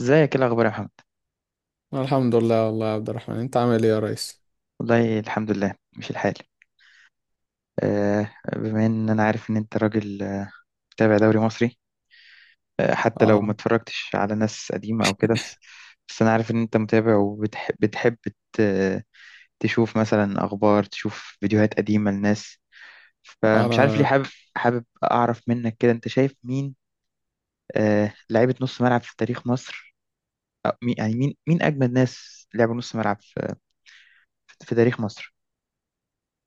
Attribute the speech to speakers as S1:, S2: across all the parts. S1: ازيك ايه الاخبار يا محمد؟
S2: الحمد لله والله يا عبد الرحمن، انت عامل ايه يا ريس؟
S1: والله الحمد لله مش الحال. بما ان انا عارف ان انت راجل، متابع دوري مصري. حتى لو ما
S2: اه
S1: اتفرجتش على ناس قديمه او كده، بس انا عارف ان انت متابع وبتحب، ت- تشوف مثلا اخبار، تشوف فيديوهات قديمه لناس. فمش عارف ليه
S2: انا
S1: حابب، اعرف منك كده، انت شايف مين لعيبه نص ملعب في تاريخ مصر، يعني مين، اجمد ناس لعبوا نص ملعب في تاريخ مصر؟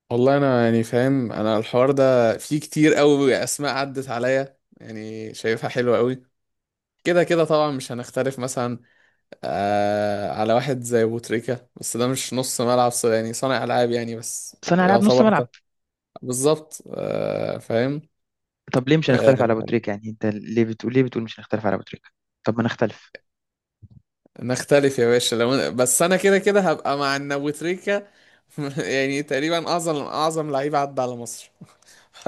S2: والله انا فاهم، انا الحوار ده فيه كتير قوي اسماء عدت عليا، يعني شايفها حلوه قوي. كده كده طبعا مش هنختلف مثلا على واحد زي بوتريكا، بس ده مش نص ملعب، يعني صانع العاب يعني، بس
S1: صانع العاب نص
S2: يعتبر
S1: ملعب.
S2: ده بالظبط. فاهم.
S1: طب ليه مش هنختلف على ابو
S2: آه،
S1: تريكه؟ يعني انت ليه بتقول، مش هنختلف على ابو تريكه؟ طب ما نختلف.
S2: نختلف يا باشا، لو بس انا كده كده هبقى مع ان بوتريكا يعني تقريبا اعظم لعيب عدى على مصر.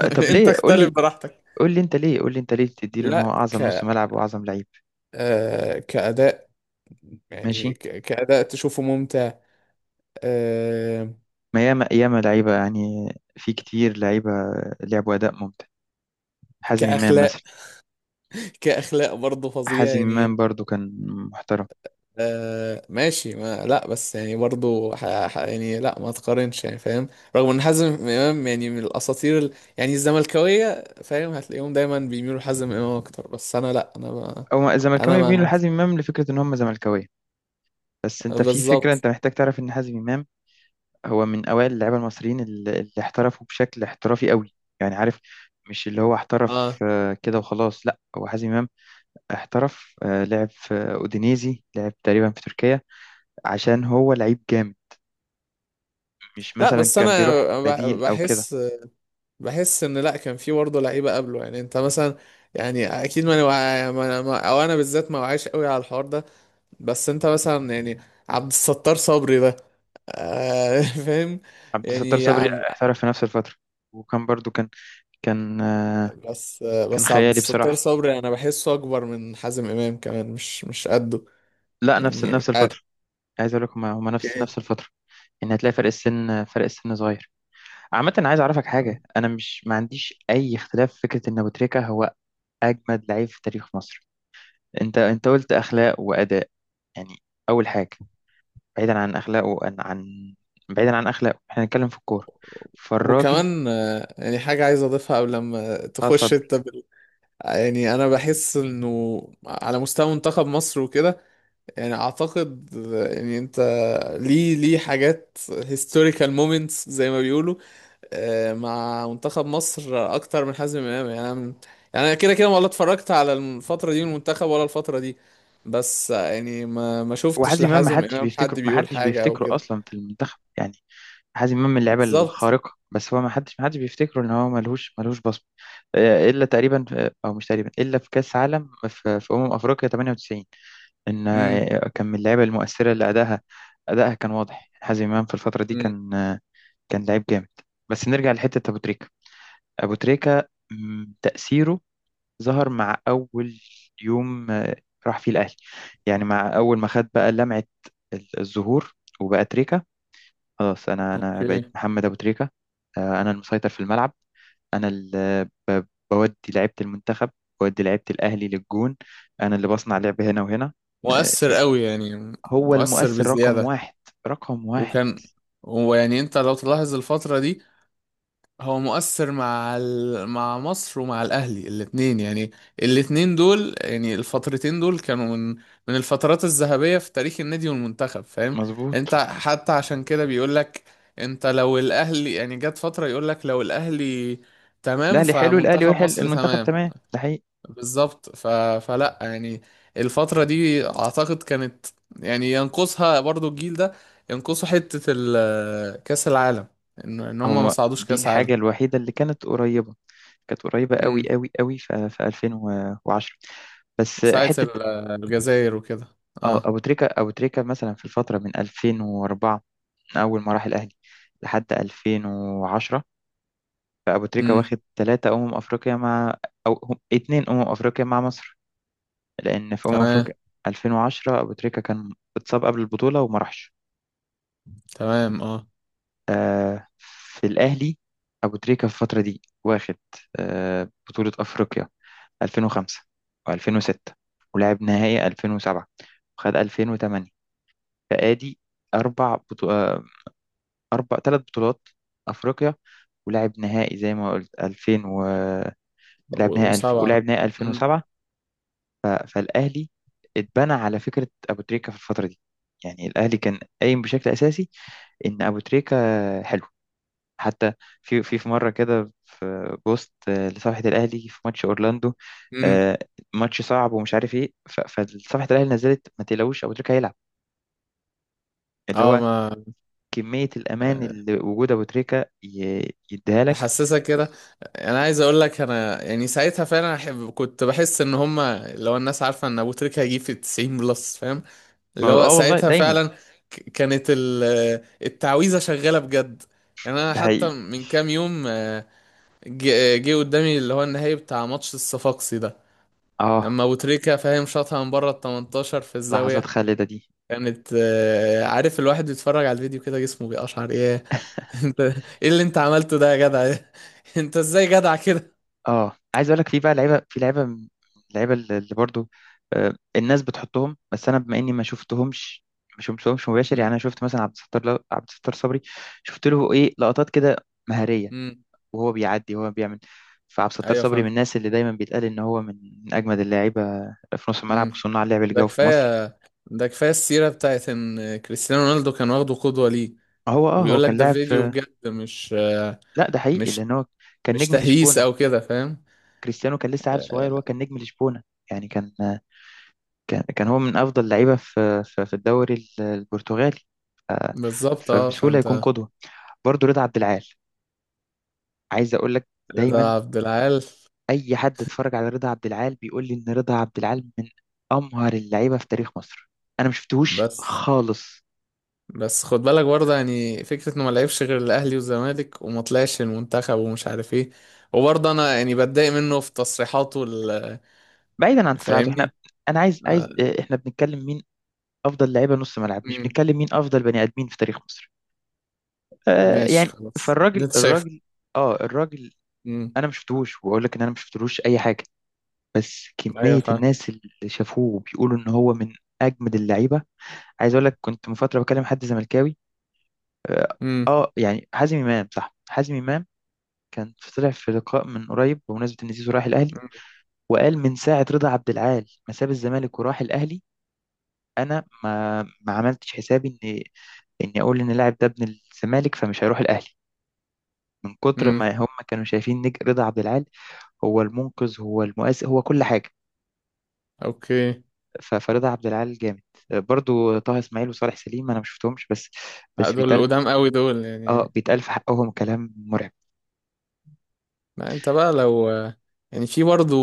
S1: طب
S2: انت
S1: ليه، قول
S2: اختلف
S1: لي،
S2: براحتك.
S1: قول لي انت ليه تديله ان هو
S2: لا ك
S1: اعظم نص ملعب واعظم لعيب.
S2: آه كأداء، يعني
S1: ماشي.
S2: كأداء تشوفه ممتع. آه.
S1: ما ياما ياما لعيبه يعني، في كتير لعيبه لعبوا اداء ممتع. حازم امام
S2: كأخلاق،
S1: مثلا.
S2: كأخلاق برضه فظيع
S1: حازم امام
S2: يعني.
S1: برضو كان محترم.
S2: آه ماشي، ما لا، بس يعني برضه يعني لا ما تقارنش، يعني فاهم. رغم ان حازم امام يعني من الاساطير يعني الزملكاويه، فاهم، هتلاقيهم دايما بيميلوا لحازم امام اكتر، بس انا لا، انا ما...
S1: او
S2: انا
S1: الزملكاويه بيميلوا
S2: ما
S1: لحازم امام لفكره ان هم زملكاويه، بس انت في فكره،
S2: بالظبط.
S1: انت محتاج تعرف ان حازم امام هو من أوائل اللعيبة المصريين اللي احترفوا بشكل احترافي قوي. يعني عارف، مش اللي هو احترف
S2: اه
S1: كده وخلاص، لا، هو حازم إمام احترف، لعب في أودينيزي، لعب تقريبا في تركيا، عشان هو لعيب جامد، مش
S2: لا،
S1: مثلا
S2: بس
S1: كان
S2: انا
S1: بيروح بديل أو كده.
S2: بحس، بحس ان لا، كان في برضه لعيبه قبله، يعني انت مثلا. يعني اكيد ما, ما, ما أنا- ما- او انا بالذات ما وعيش قوي على الحوار ده، بس انت مثلا يعني عبد الستار صبري ده. آه فاهم
S1: عبد الستار
S2: يعني يا
S1: صبري
S2: عم.
S1: احترف في نفس الفترة، وكان برضو كان، كان آه،
S2: بس
S1: كان
S2: بس عبد
S1: خيالي
S2: الستار
S1: بصراحة.
S2: صبري انا بحسه اكبر من حازم امام كمان، مش قده.
S1: لا، نفس
S2: يعني مش عارف.
S1: الفترة. عايز أقول لكم، هما هما نفس
S2: اوكي.
S1: الفترة، إن هتلاقي فرق السن، صغير. عامة، أنا عايز أعرفك حاجة، أنا مش، ما عنديش أي اختلاف في فكرة إن أبو تريكة هو أجمد لعيب في تاريخ مصر. أنت قلت أخلاق وأداء، يعني أول حاجة، بعيدا عن أخلاقه، بعيدا عن أخلاقه، إحنا هنتكلم في الكورة، فالراجل...
S2: وكمان يعني حاجة عايز أضيفها قبل لما تخش
S1: اتفضل.
S2: أنت يعني أنا بحس إنه على مستوى منتخب مصر وكده، يعني اعتقد، يعني انت ليه حاجات هيستوريكال مومنتس زي ما بيقولوا مع منتخب مصر اكتر من حازم امام، يعني انا كده كده ولا اتفرجت على الفتره دي من المنتخب ولا الفتره دي، بس يعني ما ما شفتش
S1: وحازم إمام ما
S2: لحازم
S1: حدش
S2: امام
S1: بيفتكره،
S2: حد بيقول حاجه او كده.
S1: أصلا في المنتخب يعني. حازم إمام من اللعيبة
S2: بالظبط.
S1: الخارقة، بس هو ما حدش بيفتكره إن هو ملهوش، بصمة، إلا تقريبا أو مش تقريبا، إلا في كأس عالم، في أمم أفريقيا 98، ان
S2: امم.
S1: كان من اللعيبه المؤثره اللي ادائها، كان واضح. حازم امام في الفتره دي
S2: امم.
S1: كان لعيب جامد. بس نرجع لحته ابو تريكه. ابو تريكه تاثيره ظهر مع اول يوم، راح فيه الاهلي، يعني مع اول ما خد بقى لمعه، الظهور، وبقى تريكه، خلاص. انا
S2: اوكي.
S1: بقيت محمد ابو تريكه، انا المسيطر في الملعب، انا اللي بودي لعيبه المنتخب، بودي لعيبه الاهلي للجون، انا اللي بصنع لعب هنا وهنا. آه،
S2: مؤثر قوي، يعني
S1: هو
S2: مؤثر
S1: المؤثر رقم
S2: بزياده.
S1: واحد، رقم واحد.
S2: وكان، ويعني انت لو تلاحظ الفتره دي، هو مؤثر مع مع مصر ومع الاهلي، الاثنين يعني، الاثنين دول، يعني الفترتين دول كانوا من من الفترات الذهبية في تاريخ النادي والمنتخب، فاهم. انت
S1: مظبوط.
S2: حتى عشان كده بيقول لك، انت لو الاهلي يعني، جت فترة يقول لك لو الاهلي
S1: لا،
S2: تمام
S1: اللي حلو الاهلي
S2: فمنتخب
S1: وحل
S2: مصر
S1: المنتخب
S2: تمام.
S1: تمام، ده حقيقي.
S2: بالظبط. فلا يعني الفترة دي اعتقد كانت، يعني ينقصها برضو الجيل ده، ينقصه حتة كأس العالم، ان إن هم ما
S1: هو
S2: صعدوش
S1: دي
S2: كأس
S1: الحاجه الوحيده اللي كانت قريبه، قوي
S2: عالم.
S1: قوي قوي، في 2010. بس
S2: ساعة
S1: حته...
S2: ال- الجزائر وكده.
S1: اه
S2: اه.
S1: ابو تريكه، مثلا في الفتره من 2004، من اول ما راح الاهلي لحد 2010، فابو تريكه
S2: امم.
S1: واخد ثلاثه افريقيا مع... اتنين افريقيا مع مصر. لان في
S2: تمام.
S1: افريقيا 2010 ابو تريكه كان اتصاب قبل البطوله وما راحش،
S2: تمام. اه.
S1: في الأهلي. أبو تريكة في الفترة دي واخد، بطولة أفريقيا 2005 و2006، ولعب نهائي 2007، وخد 2008، فآدي أربع بطو... آه أربع، بطولات أفريقيا، ولعب نهائي زي ما قلت
S2: وسبعة.
S1: ولعب نهائي
S2: امم.
S1: 2007. فالأهلي اتبنى على فكرة أبو تريكة في الفترة دي. يعني الأهلي كان قايم بشكل أساسي إن أبو تريكة حلو. حتى في مره كده في بوست، لصفحه الاهلي، في ماتش اورلاندو،
S2: امم.
S1: آه، ماتش صعب ومش عارف ايه، فصفحه الاهلي نزلت: ما تقلقوش، ابو تريكه هيلعب، اللي
S2: اه
S1: هو
S2: ما.
S1: كميه الامان
S2: آه،
S1: اللي وجود ابو تريكه يديها لك.
S2: تحسسك كده. انا عايز اقول لك انا يعني ساعتها فعلا أحب، كنت بحس ان هما لو الناس عارفة ان ابو تريكة هيجيب في 90 بلس، فاهم، اللي هو
S1: اه، والله
S2: ساعتها
S1: دايما،
S2: فعلا كانت التعويذة شغالة بجد. يعني انا
S1: ده
S2: حتى
S1: حقيقي.
S2: من كام يوم جه قدامي اللي هو النهائي بتاع ماتش الصفاقسي ده،
S1: اه،
S2: لما ابو تريكة، فاهم، شاطها من بره ال 18 في
S1: لحظات
S2: الزاويه.
S1: خالده دي.
S2: كانت عارف الواحد بيتفرج على الفيديو كده جسمه بيقشعر، ايه. انت، ايه اللي انت عملته ده يا جدع! انت ازاي جدع كده!
S1: اه، عايز اقول لك، في بقى لعيبه، لعيبه اللي برضو، الناس بتحطهم، بس انا بما اني ما شفتهمش، مباشر، يعني
S2: امم.
S1: انا شفت مثلا عبد الستار، عبد الستار صبري، شفت له ايه لقطات كده مهاريه
S2: امم.
S1: وهو بيعدي وهو بيعمل. فعبد الستار
S2: ايوه
S1: صبري من
S2: فاهم.
S1: الناس اللي دايما بيتقال ان هو من، اجمد اللاعيبه في نص الملعب
S2: امم.
S1: وصناع اللعب اللي
S2: ده
S1: جوه في مصر.
S2: كفايه، ده كفايه السيره بتاعت ان كريستيانو رونالدو كان واخده قدوه ليه.
S1: هو هو
S2: وبيقول لك
S1: كان
S2: ده
S1: لاعب
S2: فيديو
S1: في...
S2: بجد، مش آه،
S1: لا، ده حقيقي،
S2: مش
S1: لان هو كان
S2: مش
S1: نجم
S2: تهييس
S1: لشبونه.
S2: او كده، فاهم.
S1: كريستيانو كان لسه عيل صغير وهو
S2: آه،
S1: كان نجم لشبونه، يعني كان، هو من أفضل لعيبة في في الدوري البرتغالي، آه،
S2: بالظبط، اه
S1: فبسهولة
S2: فهمت.
S1: يكون قدوة. برضو رضا عبد العال، عايز أقول لك، دايما
S2: رضا عبد العال.
S1: أي حد اتفرج على رضا عبد العال بيقول لي إن رضا عبد العال من أمهر اللعيبة في تاريخ مصر، أنا ما شفتهوش
S2: بس
S1: خالص.
S2: بس خد بالك برضه، يعني فكرة انه ما لعبش غير الاهلي والزمالك وما طلعش المنتخب ومش عارف ايه، وبرضه انا يعني بتضايق منه في تصريحاته
S1: بعيدا عن تصريحاته، إحنا،
S2: فاهمني.
S1: أنا عايز،
S2: آه،
S1: إحنا بنتكلم مين أفضل لعيبة نص ملعب، مش
S2: امم.
S1: بنتكلم مين أفضل بني آدمين في تاريخ مصر.
S2: ماشي
S1: يعني
S2: خلاص اللي
S1: فالراجل،
S2: انت شايف.
S1: الراجل،
S2: امم.
S1: أنا ما شفتهوش وأقول لك إن أنا ما شفتلوش أي حاجة، بس
S2: ايوه
S1: كمية
S2: فاهم.
S1: الناس اللي شافوه بيقولوا إن هو من أجمد اللعيبة. عايز أقول لك، كنت من فترة بكلم حد زملكاوي، آه
S2: امم.
S1: يعني حازم إمام، صح، حازم إمام كان طلع في لقاء من قريب بمناسبة إن زيزو راح الأهلي،
S2: امم.
S1: وقال: من ساعة رضا عبد العال ما ساب الزمالك وراح الأهلي، أنا ما عملتش حسابي إن إني أقول إن اللاعب ده ابن الزمالك فمش هيروح الأهلي، من كتر ما
S2: أمم.
S1: هم كانوا شايفين، رضا عبد العال هو المنقذ، هو المؤثر، هو كل حاجة.
S2: اوكي.
S1: فرضا عبد العال جامد. برضو طه اسماعيل وصالح سليم انا ما شفتهمش، بس بس
S2: دول
S1: بيتقال،
S2: قدام قوي دول
S1: اه
S2: يعني.
S1: بيتقال في حقهم كلام مرعب.
S2: ما انت بقى لو، يعني في برضه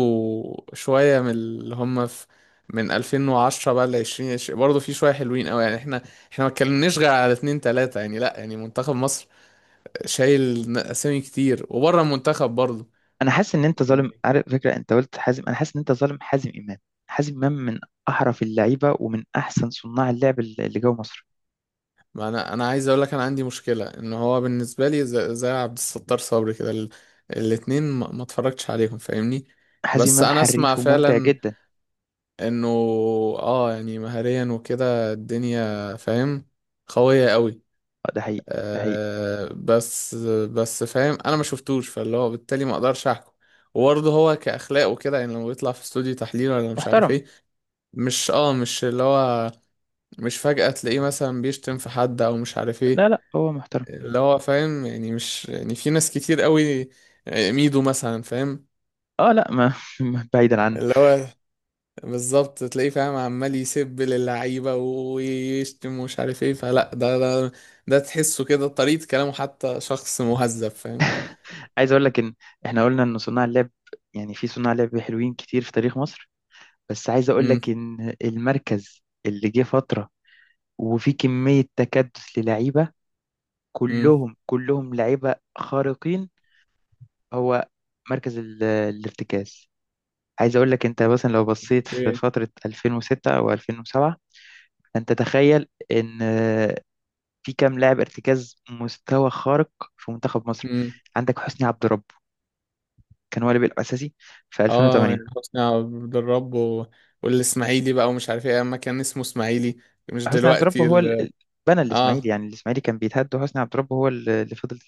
S2: شوية من اللي هم في، من 2010 بقى ل 2020، برضه في شوية حلوين قوي يعني. احنا احنا ما اتكلمناش غير على اتنين تلاتة، يعني لا يعني منتخب مصر شايل اسامي كتير، وبره المنتخب برضه.
S1: انا حاسس ان انت ظالم،
S2: يعني
S1: عارف، فكره انت قلت حازم، انا حاسس ان انت ظالم حازم امام. حازم امام من احرف اللعيبه ومن احسن صناع اللعب اللي جوه مصر.
S2: ما انا عايز اقول لك، انا عندي مشكله ان هو بالنسبه لي زي عبد الستار صبري كده، الاتنين ما اتفرجتش عليهم، فاهمني.
S1: حازم
S2: بس
S1: امام
S2: انا اسمع
S1: حريف وممتع
S2: فعلا
S1: جدا.
S2: انه اه، يعني مهاريا وكده الدنيا، فاهم، قويه قوي.
S1: اه، ده حقيقي، ده حقيقي،
S2: آه بس، بس فاهم انا ما شفتوش، فاللي هو بالتالي ما اقدرش احكم. وبرضه هو كاخلاق وكده، يعني لما بيطلع في استوديو تحليل ولا مش عارف
S1: محترم.
S2: ايه، مش اللي هو، مش فجأة تلاقيه مثلا بيشتم في حد او مش عارف ايه،
S1: لا، لا، هو محترم.
S2: اللي هو فاهم، يعني مش يعني في ناس كتير قوي، ميدو مثلا، فاهم،
S1: اه لا ما بعيدا عنه.
S2: اللي هو بالظبط تلاقيه، فاهم، عمال يسب للعيبة ويشتم ومش عارف ايه، فلا ده، ده تحسه كده طريقة كلامه، حتى شخص مهذب، فاهم.
S1: عايز اقول لك ان احنا قلنا ان صناع اللعب، يعني في صناع لعب حلوين كتير في تاريخ مصر، بس عايز اقول لك
S2: امم.
S1: ان المركز اللي جه فتره وفي كميه تكدس للعيبه،
S2: امم.
S1: كلهم لعيبه خارقين، هو مركز الارتكاز. عايز اقول لك، انت مثلا لو بصيت في
S2: اوكي.
S1: فتره 2006 او 2007، انت تخيل ان في كام لاعب ارتكاز مستوى خارق في منتخب مصر.
S2: امم.
S1: عندك حسني عبد رب كان هو اللي بيلعب اساسي في
S2: اه
S1: 2008.
S2: يعني حسني عبد الرب والاسماعيلي بقى ومش عارف ايه، اما كان اسمه اسماعيلي، مش
S1: حسني عبد رب
S2: دلوقتي
S1: هو بنى الاسماعيلي،
S2: اه.
S1: يعني الاسماعيلي كان بيتهد وحسني عبد رب هو اللي فضل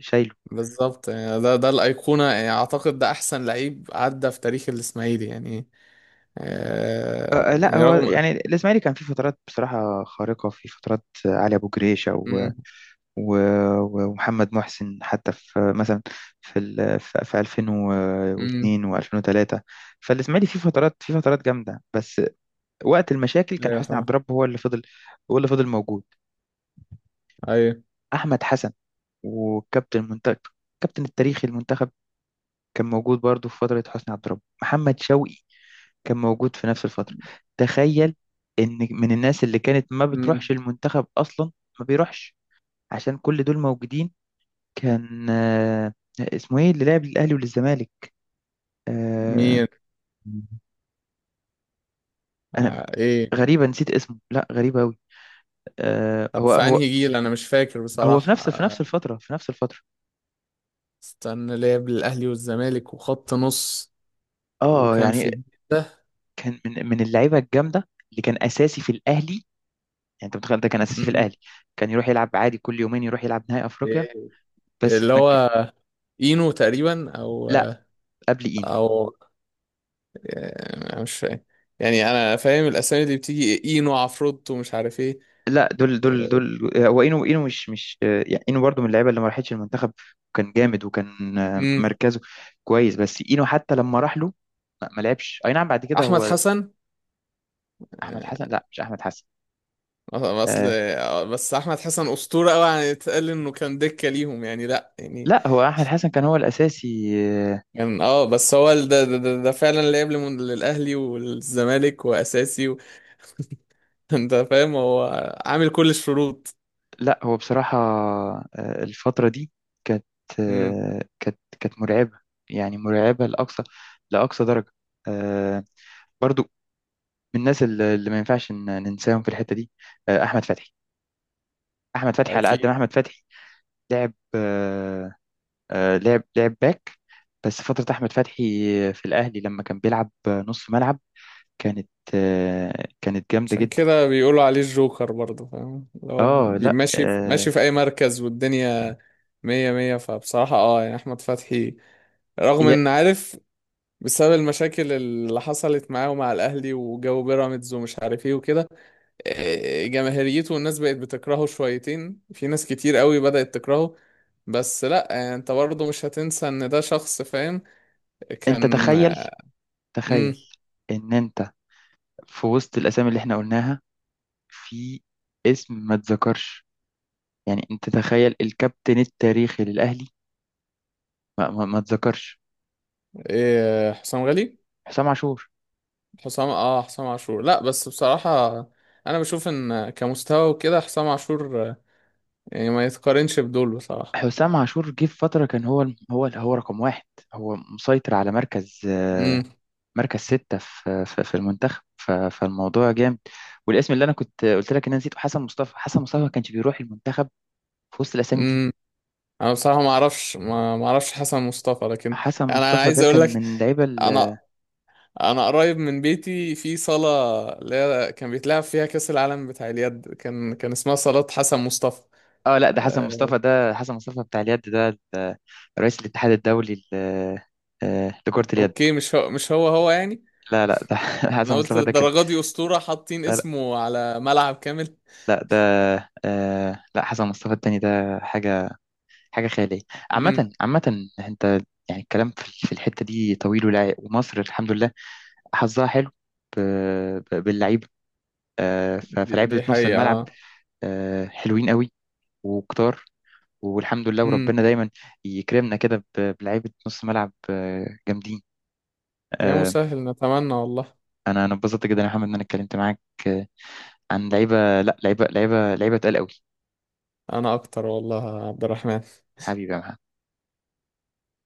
S1: شايله.
S2: بالظبط، يعني ده، ده الأيقونة، يعني أعتقد ده أحسن لعيب عدى في تاريخ الإسماعيلي يعني. آه
S1: لا،
S2: يعني
S1: هو
S2: رغم.
S1: يعني الاسماعيلي كان في فترات بصراحه خارقه، في فترات علي ابو جريشه
S2: مم.
S1: و... ومحمد محسن، حتى في مثلا في
S2: مم.
S1: 2002 و2003، فالاسماعيلي في فترات، جامده، بس وقت المشاكل كان
S2: أيوة
S1: حسني عبد
S2: فاهم.
S1: الرب هو اللي فضل، هو اللي فضل موجود.
S2: أيوة.
S1: احمد حسن، وكابتن المنتخب، كابتن التاريخي المنتخب، كان موجود برضه في فتره حسني عبد الرب. محمد شوقي كان موجود في نفس الفترة. تخيل إن من الناس اللي كانت ما
S2: مم.
S1: بتروحش المنتخب أصلا، ما بيروحش عشان كل دول موجودين، كان آه، اسمه إيه اللي لعب للأهلي وللزمالك، آه،
S2: مين؟
S1: أنا...
S2: آه إيه.
S1: غريبة، نسيت اسمه، لا، غريبة أوي. آه،
S2: طب
S1: هو
S2: في
S1: هو
S2: أنهي جيل أنا مش فاكر
S1: هو في
S2: بصراحة،
S1: نفس،
S2: آه
S1: في نفس الفترة،
S2: استنى، لعب الأهلي والزمالك وخط نص،
S1: اه
S2: وكان
S1: يعني
S2: في ده.
S1: كان من، اللعيبة الجامدة اللي كان أساسي في الأهلي. يعني أنت متخيل ده كان أساسي في
S2: مم.
S1: الأهلي، كان يروح يلعب عادي، كل يومين يروح يلعب نهائي أفريقيا.
S2: إيه
S1: بس
S2: اللي
S1: ما ك-
S2: هو إينو تقريبا، أو
S1: لا، قبل إين،
S2: أو آه مش فاهم، يعني أنا فاهم الأسامي اللي بتيجي، إينو، عفروتو، مش عارف إيه.
S1: لا، دول دول دول، هو اينو، اينو مش مش آه، يعني اينو برضو من اللعيبه اللي ما راحتش المنتخب، وكان جامد، وكان،
S2: امم.
S1: مركزه كويس، بس اينو حتى لما راح له ما لعبش، اي نعم، بعد كده
S2: احمد
S1: هو...
S2: حسن.
S1: احمد حسن؟
S2: آه،
S1: لا، مش احمد حسن.
S2: اصل
S1: آه
S2: آه، بس احمد حسن اسطوره قوي يعني، اتقال انه كان دكه ليهم، يعني لا يعني
S1: لا، هو احمد حسن كان هو الاساسي.
S2: كان اه، بس هو ده ده فعلا لعب للاهلي والزمالك واساسي انت فاهم هو عامل كل الشروط.
S1: لا، هو بصراحه، الفتره دي كانت،
S2: امم.
S1: كانت مرعبه، يعني مرعبه لاقصى، درجه. آه برضو من الناس اللي ما ينفعش ننساهم في الحته دي، احمد فتحي. احمد فتحي على قد
S2: اكيد.
S1: ما احمد فتحي لعب، لعب باك، بس فتره احمد فتحي في الاهلي لما كان بيلعب نص ملعب كانت، جامده
S2: عشان
S1: جدا.
S2: كده بيقولوا عليه الجوكر برضه، فاهم، اللي هو
S1: اه، لا،
S2: ماشي ماشي في اي مركز والدنيا مية مية. فبصراحه اه يعني احمد فتحي، رغم
S1: يا-
S2: ان، عارف، بسبب المشاكل اللي حصلت معاه ومع الاهلي وجو بيراميدز ومش عارف ايه وكده، جماهيريته والناس بقت بتكرهه شويتين، في ناس كتير قوي بدأت تكرهه، بس لا انت برضه مش هتنسى ان ده شخص، فاهم،
S1: انت
S2: كان
S1: تخيل،
S2: آه.
S1: تخيل
S2: امم.
S1: ان انت في وسط الاسامي اللي احنا قلناها، في اسم ما اتذكرش، يعني انت تخيل الكابتن التاريخي للاهلي، ما اتذكرش...
S2: إيه حسام غالي؟
S1: حسام عاشور.
S2: حسام، اه حسام عاشور. لا بس بصراحة، انا بشوف ان كمستوى وكده حسام عاشور يعني ما يتقارنش بدول بصراحة.
S1: حسام عاشور جه في فترة كان هو، رقم واحد، هو مسيطر على مركز، ستة في في المنتخب، فالموضوع جامد. والاسم اللي أنا كنت قلت لك إن أنا نسيته حسن مصطفى. حسن مصطفى ما كانش بيروح المنتخب في وسط الأسامي دي.
S2: امم. انا بصراحه ما اعرفش، ما اعرفش حسن مصطفى، لكن
S1: حسن
S2: يعني انا
S1: مصطفى ده
S2: عايز اقول
S1: كان
S2: لك،
S1: من اللعيبة
S2: انا انا قريب من بيتي في صاله اللي هي كان بيتلعب فيها كاس العالم بتاع اليد، كان كان اسمها صالات حسن مصطفى.
S1: اه، لا، ده حسن
S2: آه،
S1: مصطفى، ده حسن مصطفى بتاع اليد، ده ال- رئيس الاتحاد الدولي لكرة اليد.
S2: اوكي، مش هو، مش هو هو يعني،
S1: لا، لا، ده
S2: انا
S1: حسن
S2: قلت
S1: مصطفى ده كان...
S2: للدرجه دي اسطوره حاطين
S1: لا، لا،
S2: اسمه على ملعب كامل.
S1: لا، ده، لا، حسن مصطفى التاني ده حاجة، خيالية.
S2: امم.
S1: عامة انت، يعني الكلام في في الحتة دي طويل، ولا ومصر الحمد لله حظها حلو ب- باللعيبة،
S2: دي,
S1: فلعيبة
S2: دي
S1: نص الملعب،
S2: حقيقه.
S1: حلوين قوي وكتار، والحمد لله،
S2: امم.
S1: وربنا دايما يكرمنا كده بلعيبة نص ملعب، جامدين،
S2: يا
S1: آه،
S2: مسهل، نتمنى والله.
S1: انا اتبسطت جدا يا محمد ان انا اتكلمت معاك، آه، عن لعيبة، لا، لعيبة، تقال قوي.
S2: انا اكتر والله يا عبد الرحمن.
S1: حبيبي يا محمد.